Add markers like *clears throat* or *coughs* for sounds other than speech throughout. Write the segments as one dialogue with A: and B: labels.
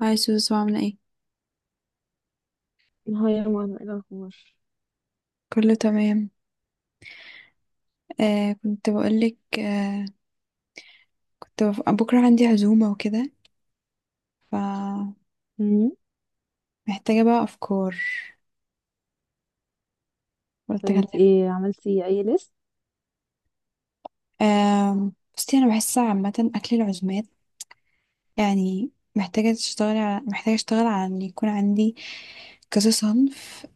A: هاي سوسو، عاملة ايه؟
B: هاي يا ماما، ايه الاخبار؟
A: كله تمام. كنت بقولك بكرة عندي عزومة وكده، فمحتاجة
B: مم.
A: بقى أفكار.
B: طب
A: قلت
B: انت
A: أكلمك.
B: ايه عملتي اي ليست؟
A: آه، بصي أنا بحس عامة أكل العزومات يعني محتاجة محتاجة أشتغل على إن يكون عندي كذا صنف،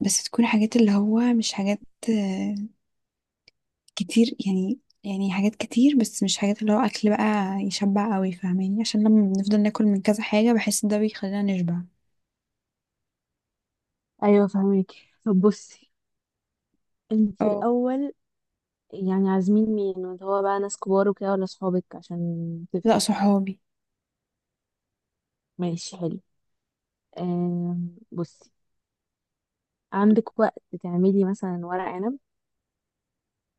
A: بس تكون حاجات اللي هو مش حاجات آه كتير. يعني حاجات كتير، بس مش حاجات اللي هو أكل بقى يشبع قوي، فاهماني؟ عشان لما بنفضل ناكل من كذا حاجة، بحس ده بيخلينا نشبع.
B: ايوه، فهمك. طب بصي، انت
A: اه.
B: الاول. يعني عازمين مين اللي هو بقى، ناس كبار وكده ولا صحابك، عشان
A: لا،
B: تفرق؟
A: صحابي.
B: ماشي، حلو. بصي عندك وقت تعملي مثلا ورق عنب؟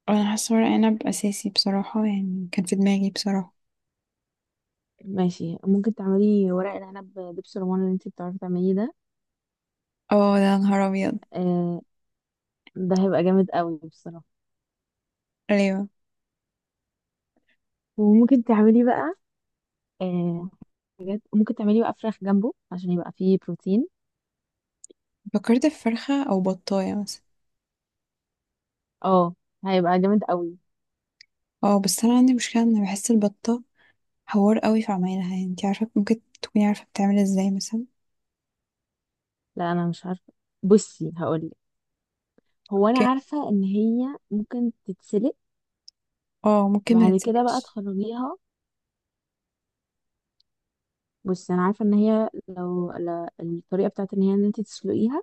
A: انا حاسه ورق عنب اساسي بصراحه، يعني كان في دماغي بصراحه.
B: ماشي، ممكن تعملي ورق العنب دبس رمان اللي انت بتعرفي تعمليه ده.
A: اه، ده نهار ابيض.
B: آه، ده هيبقى جامد قوي بصراحه.
A: ايوه.
B: وممكن تعملي بقى، آه حاجات ممكن تعملي بقى فراخ جنبه عشان يبقى فيه بروتين.
A: فكرت في فرخه او بطايه مثلا.
B: اه، هيبقى جامد قوي.
A: اه، بس انا عندي مشكله ان بحس البطه حوار قوي في عمايلها، يعني انتي عارفه، ممكن تكوني عارفه بتعمل ازاي مثلا؟
B: لا، انا مش عارفه. بصي هقولك، هو انا
A: اوكي.
B: عارفه ان هي ممكن تتسلق
A: اه، ممكن ما
B: وبعد كده بقى
A: تتسلقش.
B: تخرجيها. بصي، انا عارفه ان هي لو الطريقه بتاعت ان هي ان انت تسلقيها،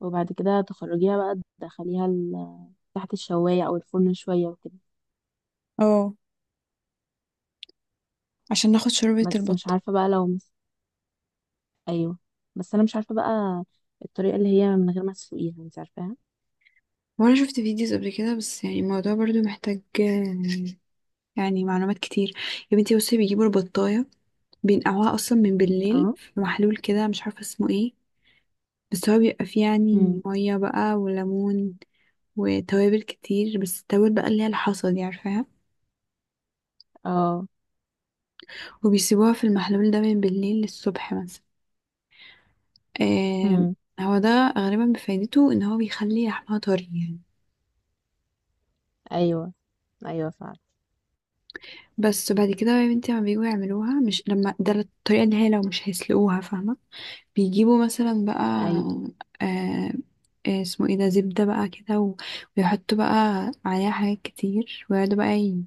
B: وبعد كده تخرجيها بقى تدخليها تحت الشوايه او الفرن شويه وكده.
A: اه، عشان ناخد شوربه
B: بس مش
A: البطه.
B: عارفه بقى لو ايوه، بس انا مش عارفه بقى الطريقه اللي هي من غير ما تسلقيها انت عارفاها.
A: وانا شفت فيديوز قبل كده، بس يعني الموضوع برضو محتاج يعني معلومات كتير. يا بنتي بصي، بيجيبوا البطايه بينقعوها اصلا من بالليل
B: اه.
A: في محلول كده، مش عارفه اسمه ايه. بس هو بيبقى فيه يعني
B: امم.
A: مية بقى وليمون وتوابل كتير، بس التوابل بقى اللي هي الحصى دي، عارفاها.
B: اه.
A: وبيسيبوها في المحلول ده من بالليل للصبح مثلا. آه.
B: امم.
A: هو ده غالبا بفايدته ان هو بيخلي لحمها طري يعني.
B: ايوه، ايوه فعلا.
A: بس بعد كده بقى يا بنتي، لما بيجوا يعملوها مش لما ده، الطريقة اللي هي لو مش هيسلقوها، فاهمة؟ بيجيبوا مثلا بقى
B: ايوه،
A: آه اسمه ايه ده، زبدة بقى كده، ويحطوا بقى عليها حاجات كتير، ويقعدوا بقى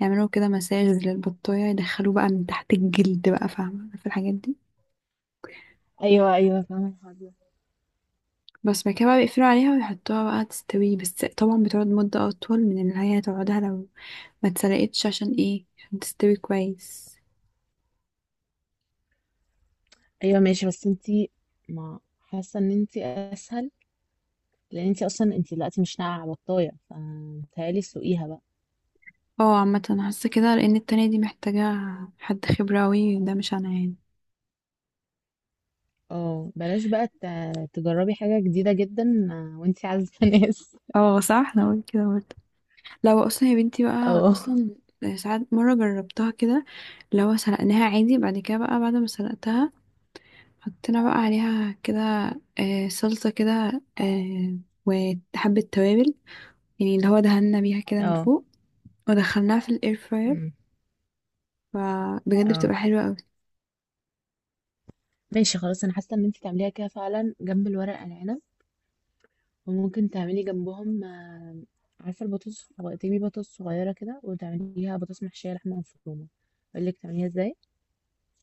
A: يعملوا كده مساج للبطاية، يدخلوه بقى من تحت الجلد بقى، فاهمة في الحاجات دي.
B: ايوه، ايوه، فاهمه الحوار.
A: بس بعد كده بقى بيقفلوا عليها ويحطوها بقى تستوي، بس طبعا بتقعد مدة أطول من اللي هي هتقعدها لو ما اتسلقتش. عشان ايه؟ عشان تستوي كويس.
B: ايوه ماشي، بس انتي ما حاسه ان انتي اسهل، لان انتي اصلا انتي دلوقتي مش ناقعه بطايه، فمتهيألي سوقيها بقى.
A: اه، عامة أنا حاسة كده، لأن التانية دي محتاجة حد خبرة أوي، ده مش أنا يعني.
B: اه، بلاش بقى تجربي حاجه جديده جدا، وانتي عازبه *laughs* ناس.
A: اه صح، أنا قلت كده برضه. لو اصلا يا بنتي بقى،
B: اه.
A: اصلا ساعات مره جربتها كده. لو سلقناها عادي، بعد كده بقى بعد ما سلقتها حطينا بقى عليها كده صلصه كده، آه، وحبه توابل، يعني اللي هو دهنا بيها كده من
B: اه.
A: فوق، ودخلناها في الاير فراير.
B: أمم،
A: فبجد
B: اه،
A: بتبقى حلوه قوي.
B: ماشي خلاص، انا حاسه ان انتي تعمليها كده فعلا جنب الورق العنب. وممكن تعملي جنبهم، عارفه البطاطس تجيبي بطاطس صغيره كده وتعمليها بطاطس محشيه لحمه مفرومه. اقول لك تعمليها ازاي؟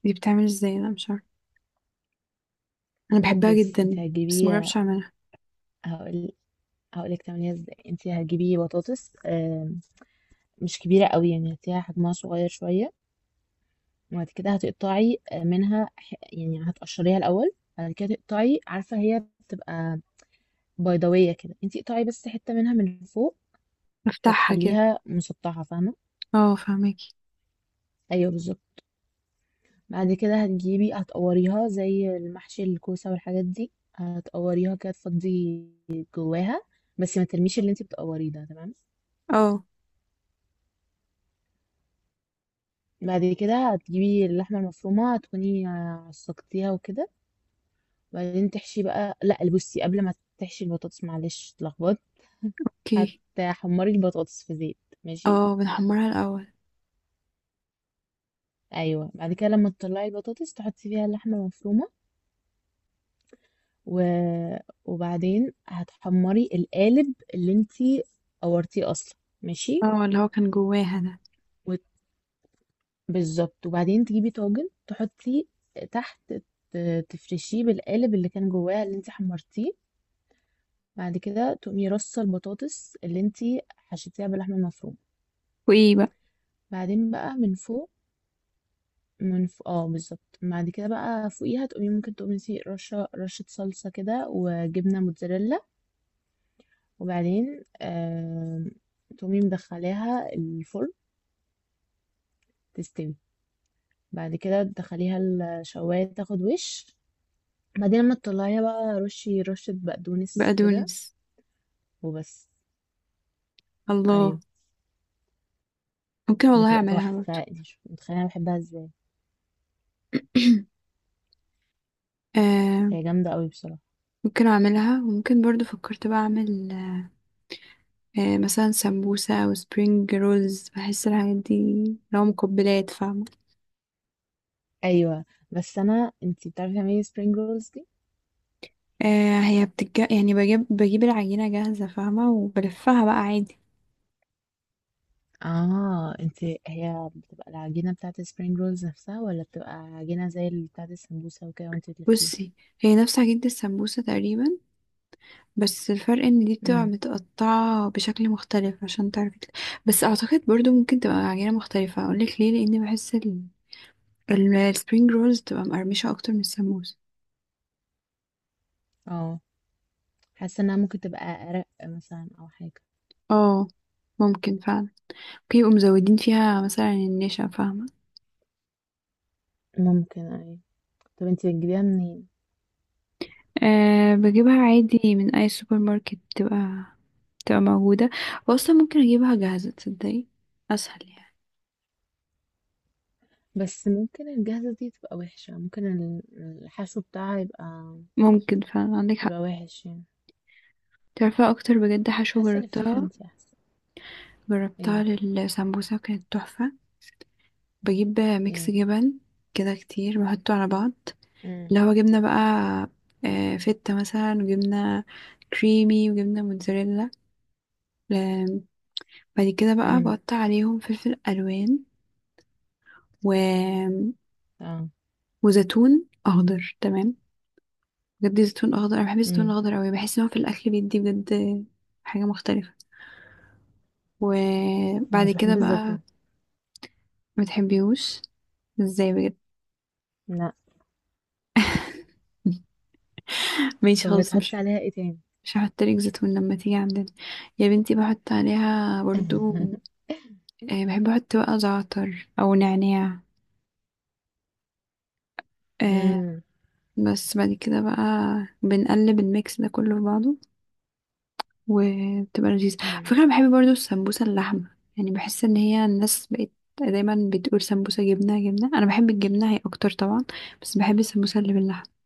A: دي بتعمل ازاي؟ انا مش عارفه. انا بحبها
B: بصي، انت
A: جدا، بس ما
B: هتجيبي،
A: جربتش اعملها.
B: هقول هقول لك تعمليها ازاي. انت هتجيبي بطاطس مش كبيره قوي، يعني هتلاقيها حجمها صغير شويه. وبعد كده هتقطعي منها، يعني هتقشريها الاول، بعد كده تقطعي. عارفه هي بتبقى بيضاويه كده، انت اقطعي بس حته منها من فوق،
A: بفتحها كده.
B: فتخليها مسطحه، فاهمه؟
A: اه فهماكي.
B: ايوه، بالظبط. بعد كده هتقوريها زي المحشي الكوسه والحاجات دي، هتقوريها كده تفضي جواها، بس ما ترميش اللي انت بتقوريه ده، تمام.
A: اه.
B: بعد كده هتجيبي اللحمة المفرومة تكوني عصقتيها وكده. بعدين تحشي بقى، لا بصي، قبل ما تحشي البطاطس، معلش اتلخبطت،
A: اوكي.
B: هتحمري البطاطس في زيت، ماشي؟
A: اه، بنحمرها الاول.
B: ايوه، بعد كده لما تطلعي البطاطس تحطي فيها اللحمة المفرومة، و... وبعدين هتحمري القالب اللي انتي قورتيه اصلا، ماشي.
A: اه، اللي هو كان جواها ده.
B: وت- بالظبط، وبعدين تجيبي طاجن تحطي تحت، تفرشيه بالقالب اللي كان جواه اللي انتي حمرتيه، بعد كده تقومي رصة البطاطس اللي انتي حشيتيها باللحمة المفرومة.
A: وايه بقى؟
B: بعدين بقى من فوق، من فوق. اه، بالظبط، بعد كده بقى فوقيها تقومي، رشة رشة صلصة كده وجبنة موتزاريلا، وبعدين تقومي مدخلاها الفرن تستوي. بعد كده تدخليها الشواية تاخد وش. بعدين لما تطلعيها بقى رشي رشة بقدونس كده،
A: بقدونس.
B: وبس.
A: الله.
B: ايوه،
A: ممكن والله
B: بتبقى
A: اعملها برضو.
B: تحفة، انتي مش متخيلة انا بحبها ازاي.
A: *coughs* *clears throat* آه.
B: هي جامدة قوي بصراحة.
A: ممكن اعملها، وممكن برضو فكرت بقى اعمل مثلا سمبوسة او سبرينج رولز. بحس الحاجات دي لو مقبلات، فاهمة.
B: ايوه بس، انت بتعرفي تعملي spring rolls دي؟
A: هي يعني بجيب العجينة جاهزة فاهمة، وبلفها بقى عادي.
B: اه، هي بتبقى العجينه بتاعت spring rolls نفسها ولا بتبقى عجينه زي اللي بتاعت السمبوسه وكده وانت بتلفيها؟
A: بصي، هي نفس عجينة السمبوسة تقريبا، بس الفرق ان دي بتبقى
B: امم.
A: متقطعة بشكل مختلف عشان تعرفي بس اعتقد برضو ممكن تبقى عجينة مختلفة. اقولك ليه؟ لاني بحس السبرينج رولز تبقى مقرمشة أكتر من السموس.
B: اه، حاسه انها ممكن تبقى ارق مثلا او حاجه.
A: اه. ممكن فعلا. ممكن يبقوا مزودين فيها مثلا النشا، فاهمة.
B: ممكن اي. طب انت بتجيبيها منين؟
A: أه، بجيبها عادي من أي سوبر ماركت، بتبقى موجودة. وأصلا ممكن أجيبها جاهزة، تصدقي، أسهل يعني.
B: بس ممكن الجاهزه دي تبقى وحشه، ممكن الحشو بتاعها يبقى،
A: ممكن فعلا، عندك حق.
B: يبقى وحش يعني.
A: تعرفي أكتر بجد حشوة
B: حاسه اللي فيها
A: جربتها،
B: انت احسن.
A: جربتها
B: ايه؟
A: للسمبوسة كانت تحفة. بجيب ميكس
B: ايه؟
A: جبن كده كتير، بحطه على بعض.
B: امم.
A: لو جبنا بقى فتة مثلا، وجبنا كريمي، وجبنا موتزاريلا آم، بعد كده بقى
B: امم.
A: بقطع عليهم فلفل ألوان و...
B: اه.
A: وزيتون أخضر، تمام. بجد زيتون أخضر، أنا بحب الزيتون
B: امم.
A: الأخضر أوي، بحس إن هو في الأكل بيدي بجد حاجة مختلفة.
B: انا
A: وبعد
B: مش
A: كده
B: بحب
A: بقى.
B: الزيتون.
A: متحبيهوش؟ ازاي بجد.
B: لا.
A: *laughs* ماشي
B: طب
A: خلاص،
B: بتحطي
A: مش
B: عليها ايه تاني؟
A: مش هحط لك زيتون لما تيجي عندنا. يا بنتي بحط عليها برضو
B: *laughs*
A: بحب احط بقى زعتر او نعناع آه
B: امم.
A: بس بعد كده بقى بنقلب الميكس ده كله في بعضه. وبتبقى لذيذة. على
B: مم.
A: فكرة، أنا بحب برضو السمبوسة اللحمة، يعني بحس ان هي الناس بقت دايما بتقول سمبوسة جبنة. جبنة انا بحب الجبنة هي اكتر طبعا، بس بحب السمبوسة اللي باللحمة.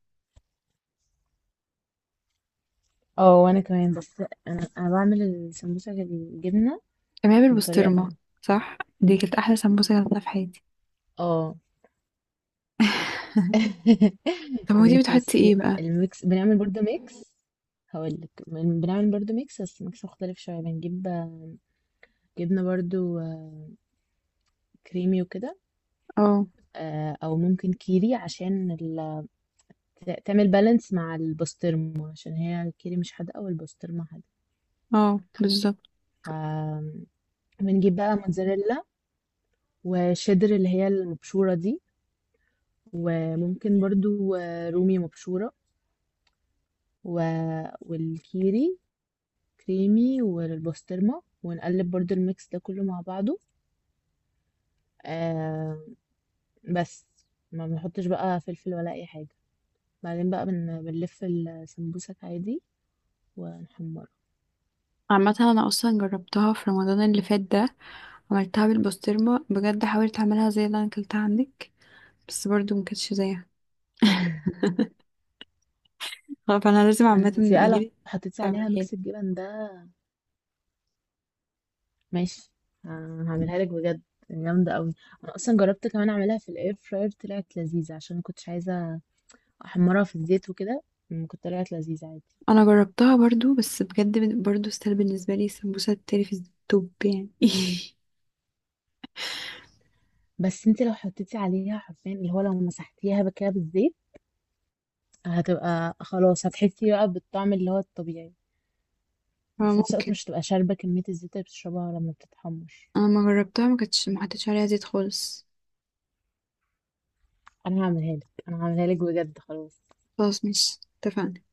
B: اه، وانا كمان، بس انا بعمل السمبوسه بالجبنه
A: انا بحب
B: بطريقه
A: البسطرمة.
B: تانية.
A: صح، دي كانت احلى سمبوسة جربتها في حياتي.
B: اه. *laughs*
A: طب
B: يا
A: هو دي
B: بنتي
A: بتحطي
B: بصي،
A: ايه بقى؟
B: الميكس، بنعمل برضو ميكس. هقول لك، بنعمل برضو ميكس بس ميكس مختلف شويه. بنجيب، جبنه برضو، كريمي وكده،
A: اه.
B: او ممكن كيري عشان تعمل بالانس مع البسطرمه، عشان هي الكيري مش حادقه والبسطرمه حادقه.
A: اه بالظبط.
B: ف بنجيب بقى موتزاريلا، وشدر اللي هي المبشورة دي، وممكن برضو رومي مبشورة، و... والكيري كريمي، والبسطرمة، ونقلب برضو الميكس ده كله مع بعضه. آه بس ما بنحطش بقى فلفل ولا أي حاجة. بعدين بقى بنلف السمبوسك عادي ونحمرها.
A: عامة انا اصلا جربتها في رمضان اللي فات ده، عملتها بالبسطرمة. بجد حاولت اعملها زي اللي انا اكلتها عندك بس برضو مكانتش زيها.
B: *laughs*
A: فانا لازم
B: ما
A: عامة
B: انت بقى لو
A: اجيلك
B: حطيتي عليها
A: تعمليها لي.
B: ميكس الجبن ده. ماشي، هعملها لك بجد، جامدة قوي. انا اصلا جربت كمان اعملها في الاير فراير، طلعت لذيذة عشان ما كنتش عايزة احمرها في الزيت وكده. كانت طلعت لذيذة عادي.
A: انا جربتها برضو، بس بجد برضو ستيل بالنسبة لي السمبوسة التري في التوب يعني. *laughs*
B: بس انت لو حطيتي عليها حرفيا، اللي هو لو مسحتيها بقى كده بالزيت، هتبقى خلاص، هتحسي بقى بالطعم اللي هو الطبيعي، وفي نفس الوقت
A: فممكن.
B: مش هتبقى شاربة كمية الزيت اللي بتشربها لما بتتحمر.
A: انا ما جربتها ما كانتش ما حطيتش عليها زيت خالص.
B: انا هعملها لك، انا هعملها لك بجد، خلاص.
A: خلاص، مش اتفقنا.